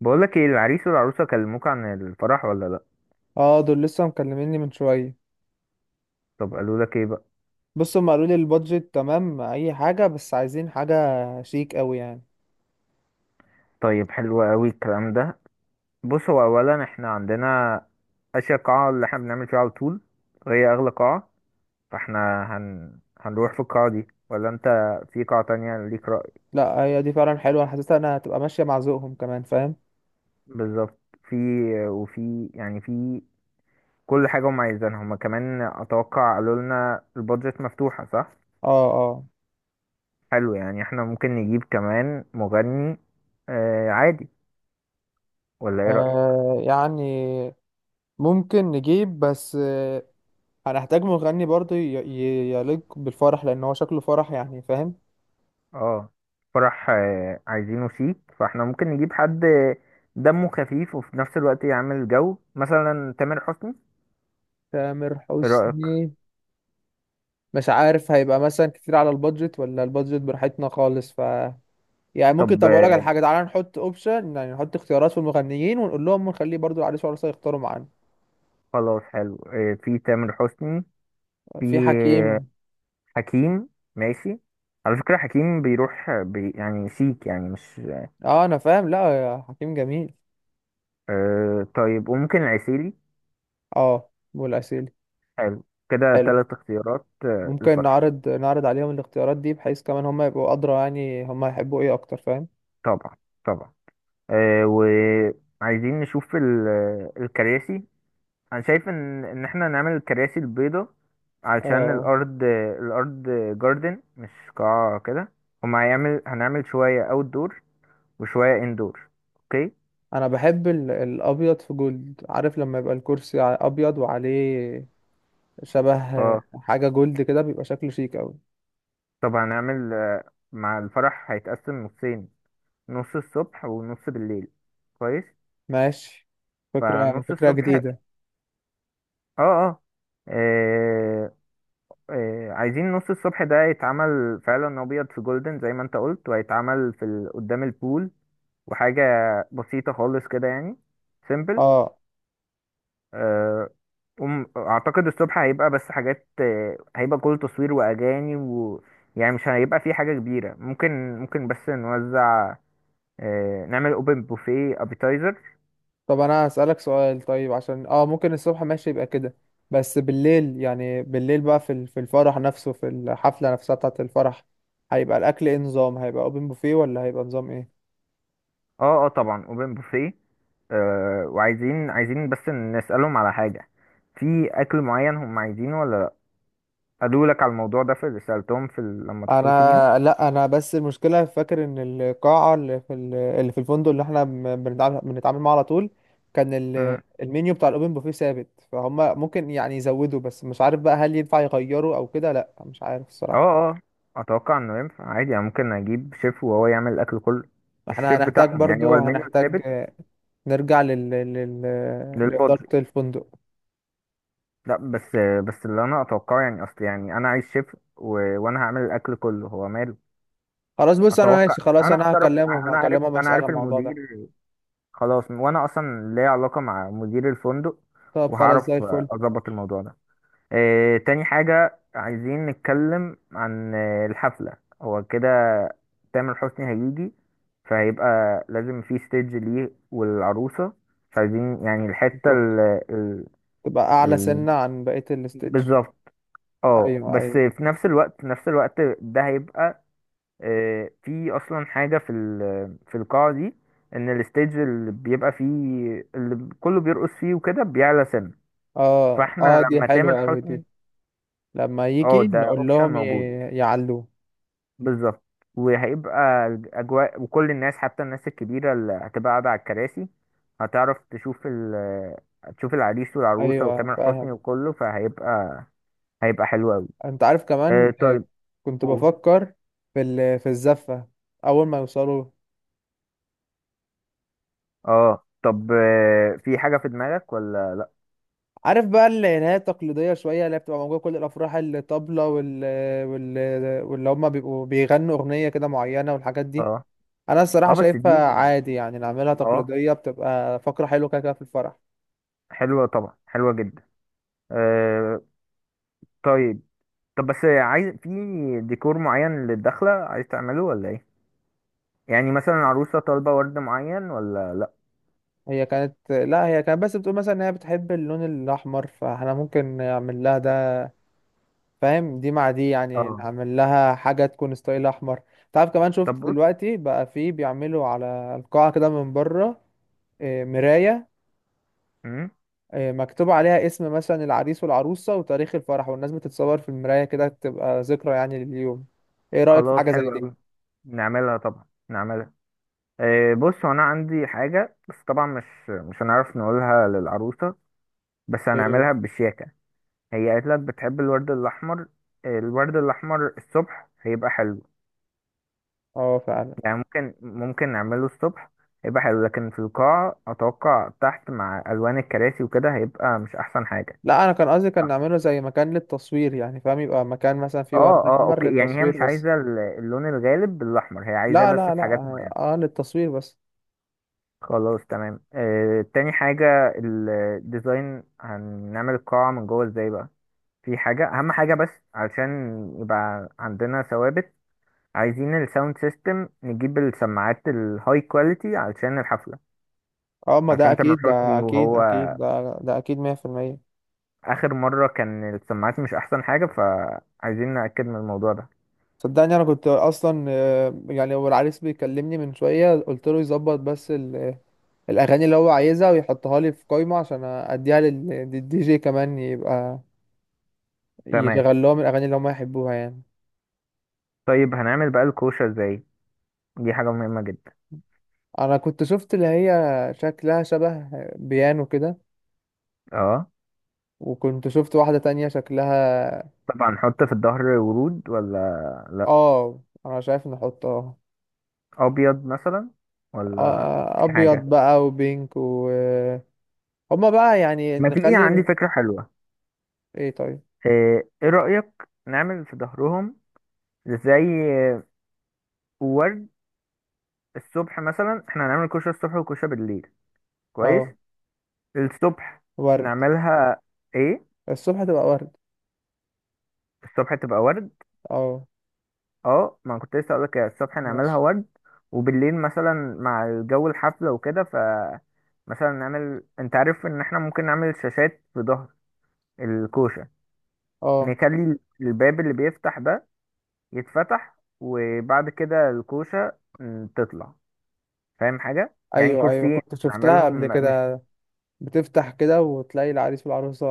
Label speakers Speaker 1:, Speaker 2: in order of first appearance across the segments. Speaker 1: بقولك ايه، العريس والعروسة كلموك عن الفرح ولا لأ؟
Speaker 2: اه دول لسه مكلميني من شويه.
Speaker 1: طب قالوا لك ايه بقى؟
Speaker 2: بص، هم قالوا لي البادجت تمام اي حاجه، بس عايزين حاجه شيك قوي يعني.
Speaker 1: طيب، حلو قوي الكلام ده. بص، هو اولا احنا عندنا اشياء، قاعة اللي احنا بنعمل فيها على طول، وهي اغلى قاعة. فاحنا هنروح في القاعة دي، ولا انت في قاعة تانية ليك رأي؟
Speaker 2: لا هي دي فعلا حلوه، انا حاسسها انها هتبقى ماشيه مع ذوقهم كمان، فاهم؟
Speaker 1: بالظبط. في وفي يعني في كل حاجة هم عايزينها، هم كمان اتوقع. قالوا لنا البادجت مفتوحة، صح؟
Speaker 2: اه، اه.
Speaker 1: حلو، يعني احنا ممكن نجيب كمان مغني، آه عادي، ولا ايه رأيك؟
Speaker 2: يعني ممكن نجيب، بس هنحتاج مغني برضه يليق بالفرح، لان هو شكله فرح يعني، فاهم؟
Speaker 1: اه، فرح عايزينه شيك، فاحنا ممكن نجيب حد دمه خفيف وفي نفس الوقت يعمل جو، مثلا تامر حسني.
Speaker 2: تامر
Speaker 1: ايه رأيك؟
Speaker 2: حسني؟ مش عارف هيبقى مثلا كتير على البادجت ولا البادجت براحتنا خالص. يعني ممكن،
Speaker 1: طب
Speaker 2: طب اقول لك على حاجه، تعالى نحط اوبشن، يعني نحط اختيارات في المغنيين، ونقول لهم نخليه برضو العريس والعروسه يختاروا معانا.
Speaker 1: خلاص، حلو. في تامر حسني، في
Speaker 2: في
Speaker 1: آه،
Speaker 2: حكيم.
Speaker 1: حكيم. ماشي. على فكرة حكيم بيروح آه، بي يعني شيك، يعني مش...
Speaker 2: اه انا فاهم، لا يا حكيم جميل.
Speaker 1: آه، طيب. وممكن العسيلي.
Speaker 2: اه والعسيلي.
Speaker 1: حلو كده،
Speaker 2: حلو.
Speaker 1: تلات اختيارات
Speaker 2: ممكن
Speaker 1: الفرح.
Speaker 2: نعرض عليهم الاختيارات دي بحيث كمان هم يبقوا ادرى، يعني هم هيحبوا ايه اكتر، فاهم؟
Speaker 1: طبعا طبعا. آه، وعايزين نشوف الكراسي. انا شايف ان احنا نعمل الكراسي البيضة علشان
Speaker 2: آه.
Speaker 1: الارض. الارض جاردن، مش قاعة كده. هما هيعمل هنعمل شوية اوت دور وشوية اندور. اوكي.
Speaker 2: انا بحب الابيض في جولد، عارف لما يبقى الكرسي ابيض وعليه شبه
Speaker 1: اه،
Speaker 2: حاجه جولد كده، بيبقى شكله شيك قوي.
Speaker 1: طب هنعمل مع الفرح هيتقسم نصين، نص الصبح ونص بالليل. كويس.
Speaker 2: ماشي. فكره
Speaker 1: فنص
Speaker 2: فكره
Speaker 1: الصبح،
Speaker 2: جديده.
Speaker 1: اه آه، عايزين نص الصبح ده يتعمل فعلا ابيض في جولدن زي ما انت قلت، وهيتعمل قدام البول، وحاجة بسيطة خالص كده، يعني سيمبل.
Speaker 2: اه،
Speaker 1: أه اعتقد الصبح هيبقى بس حاجات، هيبقى كل تصوير واغاني و... يعني مش هيبقى في حاجة كبيرة. ممكن بس نوزع، نعمل اوبن بوفيه، ابيتايزر.
Speaker 2: طب انا هسألك سؤال طيب، عشان ممكن الصبح ماشي يبقى كده، بس بالليل، بقى في في الفرح نفسه، في الحفلة نفسها بتاعة الفرح، هيبقى الاكل ايه نظام؟ هيبقى اوبن بوفيه ولا هيبقى نظام ايه؟
Speaker 1: اه اه طبعا، اوبن بوفيه. وعايزين بس نسألهم على حاجة، في اكل معين هم عايزينه ولا لا. قالوا لك على الموضوع ده في اللي سألتهم لما اتصلت بيهم؟
Speaker 2: انا لا انا بس المشكلة فاكر ان القاعة اللي في اللي في الفندق اللي احنا بنتعامل معاه على طول، كان المنيو بتاع الاوبن بوفيه ثابت، فهم ممكن يعني يزودوا، بس مش عارف بقى هل ينفع يغيروا او كده، لا مش عارف
Speaker 1: اه
Speaker 2: الصراحة.
Speaker 1: اه اتوقع انه ينفع عادي، يعني ممكن اجيب شيف وهو يعمل الاكل كله، مش
Speaker 2: فاحنا
Speaker 1: الشيف
Speaker 2: هنحتاج،
Speaker 1: بتاعهم، يعني هو
Speaker 2: برضو
Speaker 1: المنيو
Speaker 2: هنحتاج
Speaker 1: الثابت
Speaker 2: نرجع لإدارة
Speaker 1: للبادجت.
Speaker 2: الفندق.
Speaker 1: لا، بس اللي انا اتوقعه، يعني اصل يعني انا عايز شيف و... وانا هعمل الاكل كله، هو ماله؟
Speaker 2: خلاص، بص انا
Speaker 1: اتوقع.
Speaker 2: ماشي، خلاص
Speaker 1: انا
Speaker 2: انا
Speaker 1: هتصرف.
Speaker 2: هكلمهم،
Speaker 1: انا
Speaker 2: اسأل عن
Speaker 1: عارف
Speaker 2: الموضوع
Speaker 1: المدير.
Speaker 2: ده.
Speaker 1: خلاص، وانا اصلا ليا علاقة مع مدير الفندق،
Speaker 2: طب خلاص زي
Speaker 1: وهعرف
Speaker 2: الفل.
Speaker 1: اظبط الموضوع ده. آه، تاني حاجة عايزين نتكلم عن الحفلة. هو كده، تامر حسني هيجي، فهيبقى لازم في ستيج ليه والعروسة، مش عايزين يعني الحتة
Speaker 2: بالظبط،
Speaker 1: ال
Speaker 2: تبقى اعلى
Speaker 1: ال...
Speaker 2: سنة عن بقية الستيج.
Speaker 1: بالظبط. اه،
Speaker 2: ايوه،
Speaker 1: بس
Speaker 2: ايوه.
Speaker 1: في نفس الوقت ده هيبقى في أصلا حاجة في القاعة دي، إن الستيج اللي بيبقى فيه، اللي كله بيرقص فيه وكده، بيعلى سنة.
Speaker 2: اه،
Speaker 1: فاحنا
Speaker 2: اه، دي
Speaker 1: لما تامر
Speaker 2: حلوة اوي دي.
Speaker 1: حسني...
Speaker 2: لما
Speaker 1: اه،
Speaker 2: يجي
Speaker 1: ده
Speaker 2: نقول
Speaker 1: اوبشن
Speaker 2: لهم
Speaker 1: موجود.
Speaker 2: يعلوه.
Speaker 1: بالظبط. وهيبقى الأجواء، وكل الناس حتى الناس الكبيرة اللي هتبقى قاعدة على الكراسي هتعرف تشوف ال... تشوف العريس والعروسة
Speaker 2: ايوه
Speaker 1: وتامر حسني
Speaker 2: فاهم.
Speaker 1: وكله، هيبقى حلو أوي.
Speaker 2: انت عارف كمان،
Speaker 1: آه، طيب،
Speaker 2: كنت
Speaker 1: قول.
Speaker 2: بفكر في في الزفة اول ما يوصلوا.
Speaker 1: اه، طب في حاجة في دماغك ولا لأ؟
Speaker 2: عارف بقى اللي هي التقليدية شوية، اللي هي بتبقى موجودة في كل الأفراح، الطبلة وال واللي هما بيبقوا بيغنوا أغنية كده معينة والحاجات دي.
Speaker 1: اه
Speaker 2: أنا الصراحة
Speaker 1: اه، بس
Speaker 2: شايفها
Speaker 1: دي،
Speaker 2: عادي، يعني نعملها
Speaker 1: اه،
Speaker 2: تقليدية، بتبقى فقرة حلوة كده كده في الفرح.
Speaker 1: حلوة، طبعا حلوة جدا. آه، طيب. طب بس عايز، في ديكور معين للدخلة عايز تعمله ولا ايه؟ يعني مثلا العروسة طالبة ورد معين ولا لأ؟
Speaker 2: هي كانت لا هي كانت بس بتقول مثلا إن هي بتحب اللون الأحمر، فاحنا ممكن نعمل لها ده، فاهم؟ دي مع دي، يعني
Speaker 1: اه،
Speaker 2: نعمل لها حاجة تكون ستايل أحمر. تعرف كمان شفت
Speaker 1: طب بص.
Speaker 2: دلوقتي بقى فيه بيعملوا على القاعة كده من بره. إيه، مراية،
Speaker 1: مم.
Speaker 2: مكتوب عليها اسم مثلا العريس والعروسة وتاريخ الفرح، والناس بتتصور في المراية كده تبقى ذكرى يعني لليوم. ايه رأيك في
Speaker 1: خلاص،
Speaker 2: حاجة زي
Speaker 1: حلو قوي.
Speaker 2: دي؟
Speaker 1: نعملها طبعا نعملها. إيه، بص هو انا عندي حاجه، بس طبعا مش هنعرف نقولها للعروسه، بس
Speaker 2: ايه.
Speaker 1: هنعملها بشياكه. هي قالت لك بتحب الورد الاحمر، إيه، الورد الاحمر الصبح هيبقى حلو.
Speaker 2: اه فعلا.
Speaker 1: يعني ممكن نعمله الصبح، هيبقى حلو، لكن في القاعه اتوقع تحت مع الوان الكراسي وكده هيبقى مش احسن حاجه.
Speaker 2: لا انا كان قصدي كان نعمله زي مكان للتصوير، يعني فاهم، يبقى مكان مثلا فيه ورد
Speaker 1: اه اه
Speaker 2: احمر
Speaker 1: اوكي، يعني هي
Speaker 2: للتصوير
Speaker 1: مش
Speaker 2: بس.
Speaker 1: عايزه اللون الغالب بالاحمر، هي عايزاه
Speaker 2: لا
Speaker 1: بس
Speaker 2: لا
Speaker 1: في
Speaker 2: لا،
Speaker 1: حاجات معينه.
Speaker 2: للتصوير بس.
Speaker 1: خلاص، تمام. آه، تاني حاجة، الديزاين هنعمل القاعة من جوه ازاي بقى. في حاجة أهم حاجة بس، علشان يبقى عندنا ثوابت، عايزين الساوند سيستم، نجيب السماعات الهاي كواليتي علشان الحفلة،
Speaker 2: اه، ما ده
Speaker 1: علشان تامر
Speaker 2: اكيد، ده
Speaker 1: حسني،
Speaker 2: اكيد
Speaker 1: وهو
Speaker 2: اكيد، ده ده اكيد 100%.
Speaker 1: آخر مرة كان السماعات مش أحسن حاجة، فعايزين نأكد من الموضوع ده.
Speaker 2: صدقني انا كنت اصلا، يعني هو العريس بيكلمني من شوية، قلت له يظبط بس الاغاني اللي هو عايزها ويحطها لي في قائمه عشان اديها للدي جي، كمان يبقى
Speaker 1: تمام.
Speaker 2: يشغل لهم الاغاني اللي هم يحبوها يعني.
Speaker 1: طيب، هنعمل بقى الكوشة ازاي؟ دي حاجة مهمة جدا.
Speaker 2: انا كنت شفت اللي هي شكلها شبه بيانو كده،
Speaker 1: اه،
Speaker 2: وكنت شفت واحده تانية شكلها.
Speaker 1: طبعا، نحط في الظهر ورود ولا لأ؟
Speaker 2: اه، انا شايف ان احط
Speaker 1: ابيض مثلا، ولا في
Speaker 2: ابيض
Speaker 1: حاجه؟
Speaker 2: بقى، وبينك و هما بقى يعني
Speaker 1: ما تيجي
Speaker 2: نخلي.
Speaker 1: عندي فكره حلوه.
Speaker 2: ايه طيب.
Speaker 1: إيه رايك، نعمل في ظهرهم زي ورد؟ الصبح مثلا احنا هنعمل كشري الصبح وكشري بالليل. كويس.
Speaker 2: اه،
Speaker 1: الصبح
Speaker 2: ورد،
Speaker 1: نعملها ايه،
Speaker 2: الصبح تبقى ورد.
Speaker 1: الصبح تبقى ورد؟
Speaker 2: اه
Speaker 1: اه، ما أنا كنت لسه اقولك كده، الصبح نعملها
Speaker 2: ماشي،
Speaker 1: ورد. وبالليل مثلا مع الجو الحفله وكده، ف... مثلا نعمل، انت عارف ان احنا ممكن نعمل شاشات في ظهر الكوشه.
Speaker 2: اه.
Speaker 1: نخلي الباب اللي بيفتح ده يتفتح، وبعد كده الكوشة، تطلع. فاهم حاجة، يعني
Speaker 2: ايوه ايوه،
Speaker 1: كرسيين
Speaker 2: كنت شفتها قبل
Speaker 1: نعملهم مش...
Speaker 2: كده، بتفتح كده وتلاقي العريس والعروسة.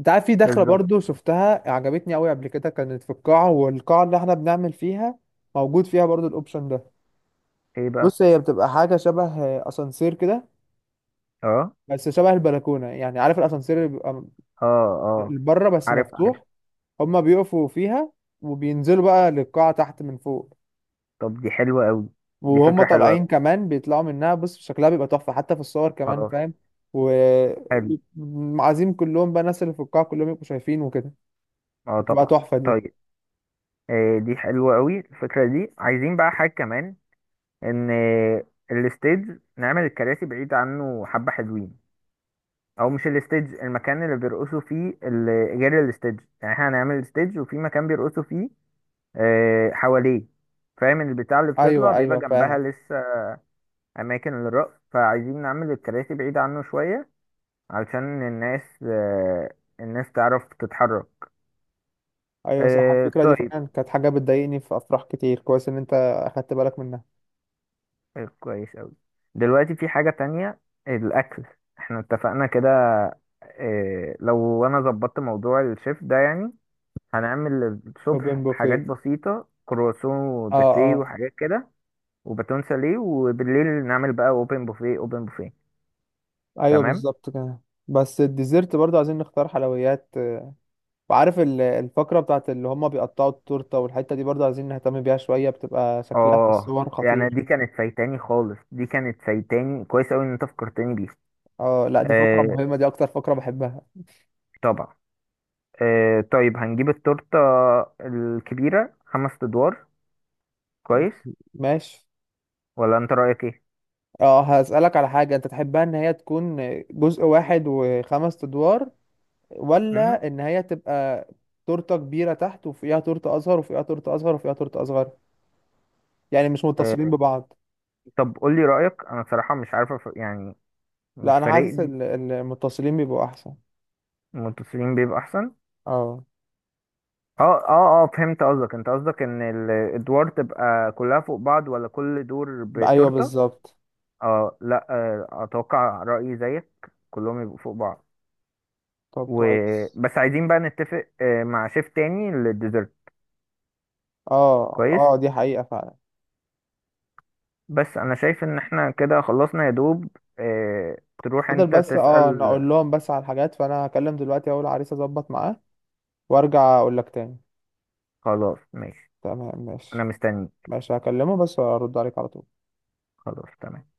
Speaker 2: انت عارف في دخلة برضو
Speaker 1: بالظبط.
Speaker 2: شفتها عجبتني قوي قبل كده، كانت في القاعة، والقاعة اللي احنا بنعمل فيها موجود فيها برضو الاوبشن ده.
Speaker 1: ايه بقى؟
Speaker 2: بص هي بتبقى حاجة شبه اسانسير كده،
Speaker 1: اه
Speaker 2: بس شبه البلكونة يعني، عارف الاسانسير اللي بيبقى
Speaker 1: اه اه،
Speaker 2: بره بس
Speaker 1: عارف عارف.
Speaker 2: مفتوح، هما بيقفوا فيها وبينزلوا بقى للقاعة تحت من فوق.
Speaker 1: طب دي حلوة قوي، دي
Speaker 2: وهم
Speaker 1: فكرة حلوة
Speaker 2: طالعين
Speaker 1: أوي.
Speaker 2: كمان بيطلعوا منها، بص شكلها بيبقى تحفة حتى في الصور كمان،
Speaker 1: خلاص،
Speaker 2: فاهم؟
Speaker 1: حلو،
Speaker 2: وعازيم كلهم بقى، الناس اللي في القاعة كلهم يبقوا شايفين وكده،
Speaker 1: اه
Speaker 2: بتبقى
Speaker 1: طبعا.
Speaker 2: تحفة دي.
Speaker 1: طيب. آه، دي حلوة قوي الفكرة دي. عايزين بقى حاجة كمان، ان الستيج نعمل الكراسي بعيد عنه حبة، حلوين. او مش الستيج، المكان اللي بيرقصوا فيه، ال- غير الستيج. يعني احنا هنعمل الستيج وفي مكان بيرقصوا فيه حواليه، فاهم؟ البتاع اللي بتطلع
Speaker 2: أيوة،
Speaker 1: بيبقى
Speaker 2: أيوة،
Speaker 1: جنبها
Speaker 2: فاهم.
Speaker 1: لسه أماكن للرقص، فعايزين نعمل الكراسي بعيدة عنه شوية علشان الناس تعرف تتحرك.
Speaker 2: أيوة صح، الفكرة دي
Speaker 1: طيب.
Speaker 2: فعلا كانت حاجة بتضايقني في أفراح كتير، كويس إن أنت أخدت بالك منها.
Speaker 1: كويس أوي. دلوقتي في حاجة تانية، الأكل. احنا اتفقنا كده، لو أنا ظبطت موضوع الشيف ده، يعني هنعمل الصبح
Speaker 2: أوبن
Speaker 1: حاجات
Speaker 2: بوفيه.
Speaker 1: بسيطة، كرواسون
Speaker 2: أه،
Speaker 1: وباتيه
Speaker 2: أه.
Speaker 1: وحاجات كده، وباتون ساليه، وبالليل نعمل بقى اوبن بوفيه اوبن بوفيه.
Speaker 2: أيوة
Speaker 1: تمام.
Speaker 2: بالظبط كده. بس الديزرت برضه عايزين نختار حلويات. وعارف الفقرة بتاعت اللي هما بيقطعوا التورتة، والحتة دي برضه عايزين نهتم بيها شوية، بتبقى شكلها في
Speaker 1: اه،
Speaker 2: الصور
Speaker 1: يعني
Speaker 2: خطير.
Speaker 1: دي كانت فايتاني خالص، دي كانت فايتاني، كويس اوي ان انت فكرتني بيها.
Speaker 2: أه لأ، دي فقرة
Speaker 1: آه
Speaker 2: مهمة، دي أكتر فقرة بحبها.
Speaker 1: طبعا. آه، طيب، هنجيب التورتة الكبيرة خمس ادوار. كويس.
Speaker 2: ماشي.
Speaker 1: ولا انت رأيك ايه؟
Speaker 2: أه، هسألك على حاجة أنت تحبها، إن هي تكون جزء واحد وخمس أدوار،
Speaker 1: مهم.
Speaker 2: ولا ان هي تبقى تورته كبيره تحت وفوقيها تورته اصغر وفوقيها تورته اصغر وفوقيها تورته اصغر، يعني مش متصلين
Speaker 1: آه،
Speaker 2: ببعض.
Speaker 1: طب قول لي رأيك، انا بصراحة مش عارفة، يعني
Speaker 2: لا
Speaker 1: مش
Speaker 2: انا
Speaker 1: فارق
Speaker 2: حاسس
Speaker 1: لي.
Speaker 2: المتصلين بيبقوا احسن.
Speaker 1: المتصلين بيبقى احسن.
Speaker 2: اه.
Speaker 1: اه، اه اه فهمت قصدك. انت قصدك ان الادوار تبقى كلها فوق بعض، ولا كل دور
Speaker 2: ايوه
Speaker 1: بتورتة؟
Speaker 2: بالظبط.
Speaker 1: اه، لا، اتوقع رأيي زيك، كلهم يبقوا فوق بعض.
Speaker 2: طب
Speaker 1: و...
Speaker 2: كويس.
Speaker 1: بس عايزين بقى نتفق مع شيف تاني للديزرت.
Speaker 2: اه
Speaker 1: كويس.
Speaker 2: اه، دي حقيقه فعلا.
Speaker 1: بس انا شايف ان احنا كده خلصنا يا دوب. آه، تروح
Speaker 2: فضل
Speaker 1: انت
Speaker 2: بس، اه، انا
Speaker 1: تسأل.
Speaker 2: اقول لهم بس على الحاجات، فانا هكلم دلوقتي اول عريس، اظبط معاه وارجع اقول لك تاني.
Speaker 1: خلاص ماشي.
Speaker 2: تمام
Speaker 1: انا
Speaker 2: ماشي.
Speaker 1: مستني.
Speaker 2: ماشي، هكلمه بس وارد عليك على طول.
Speaker 1: خلاص تمام.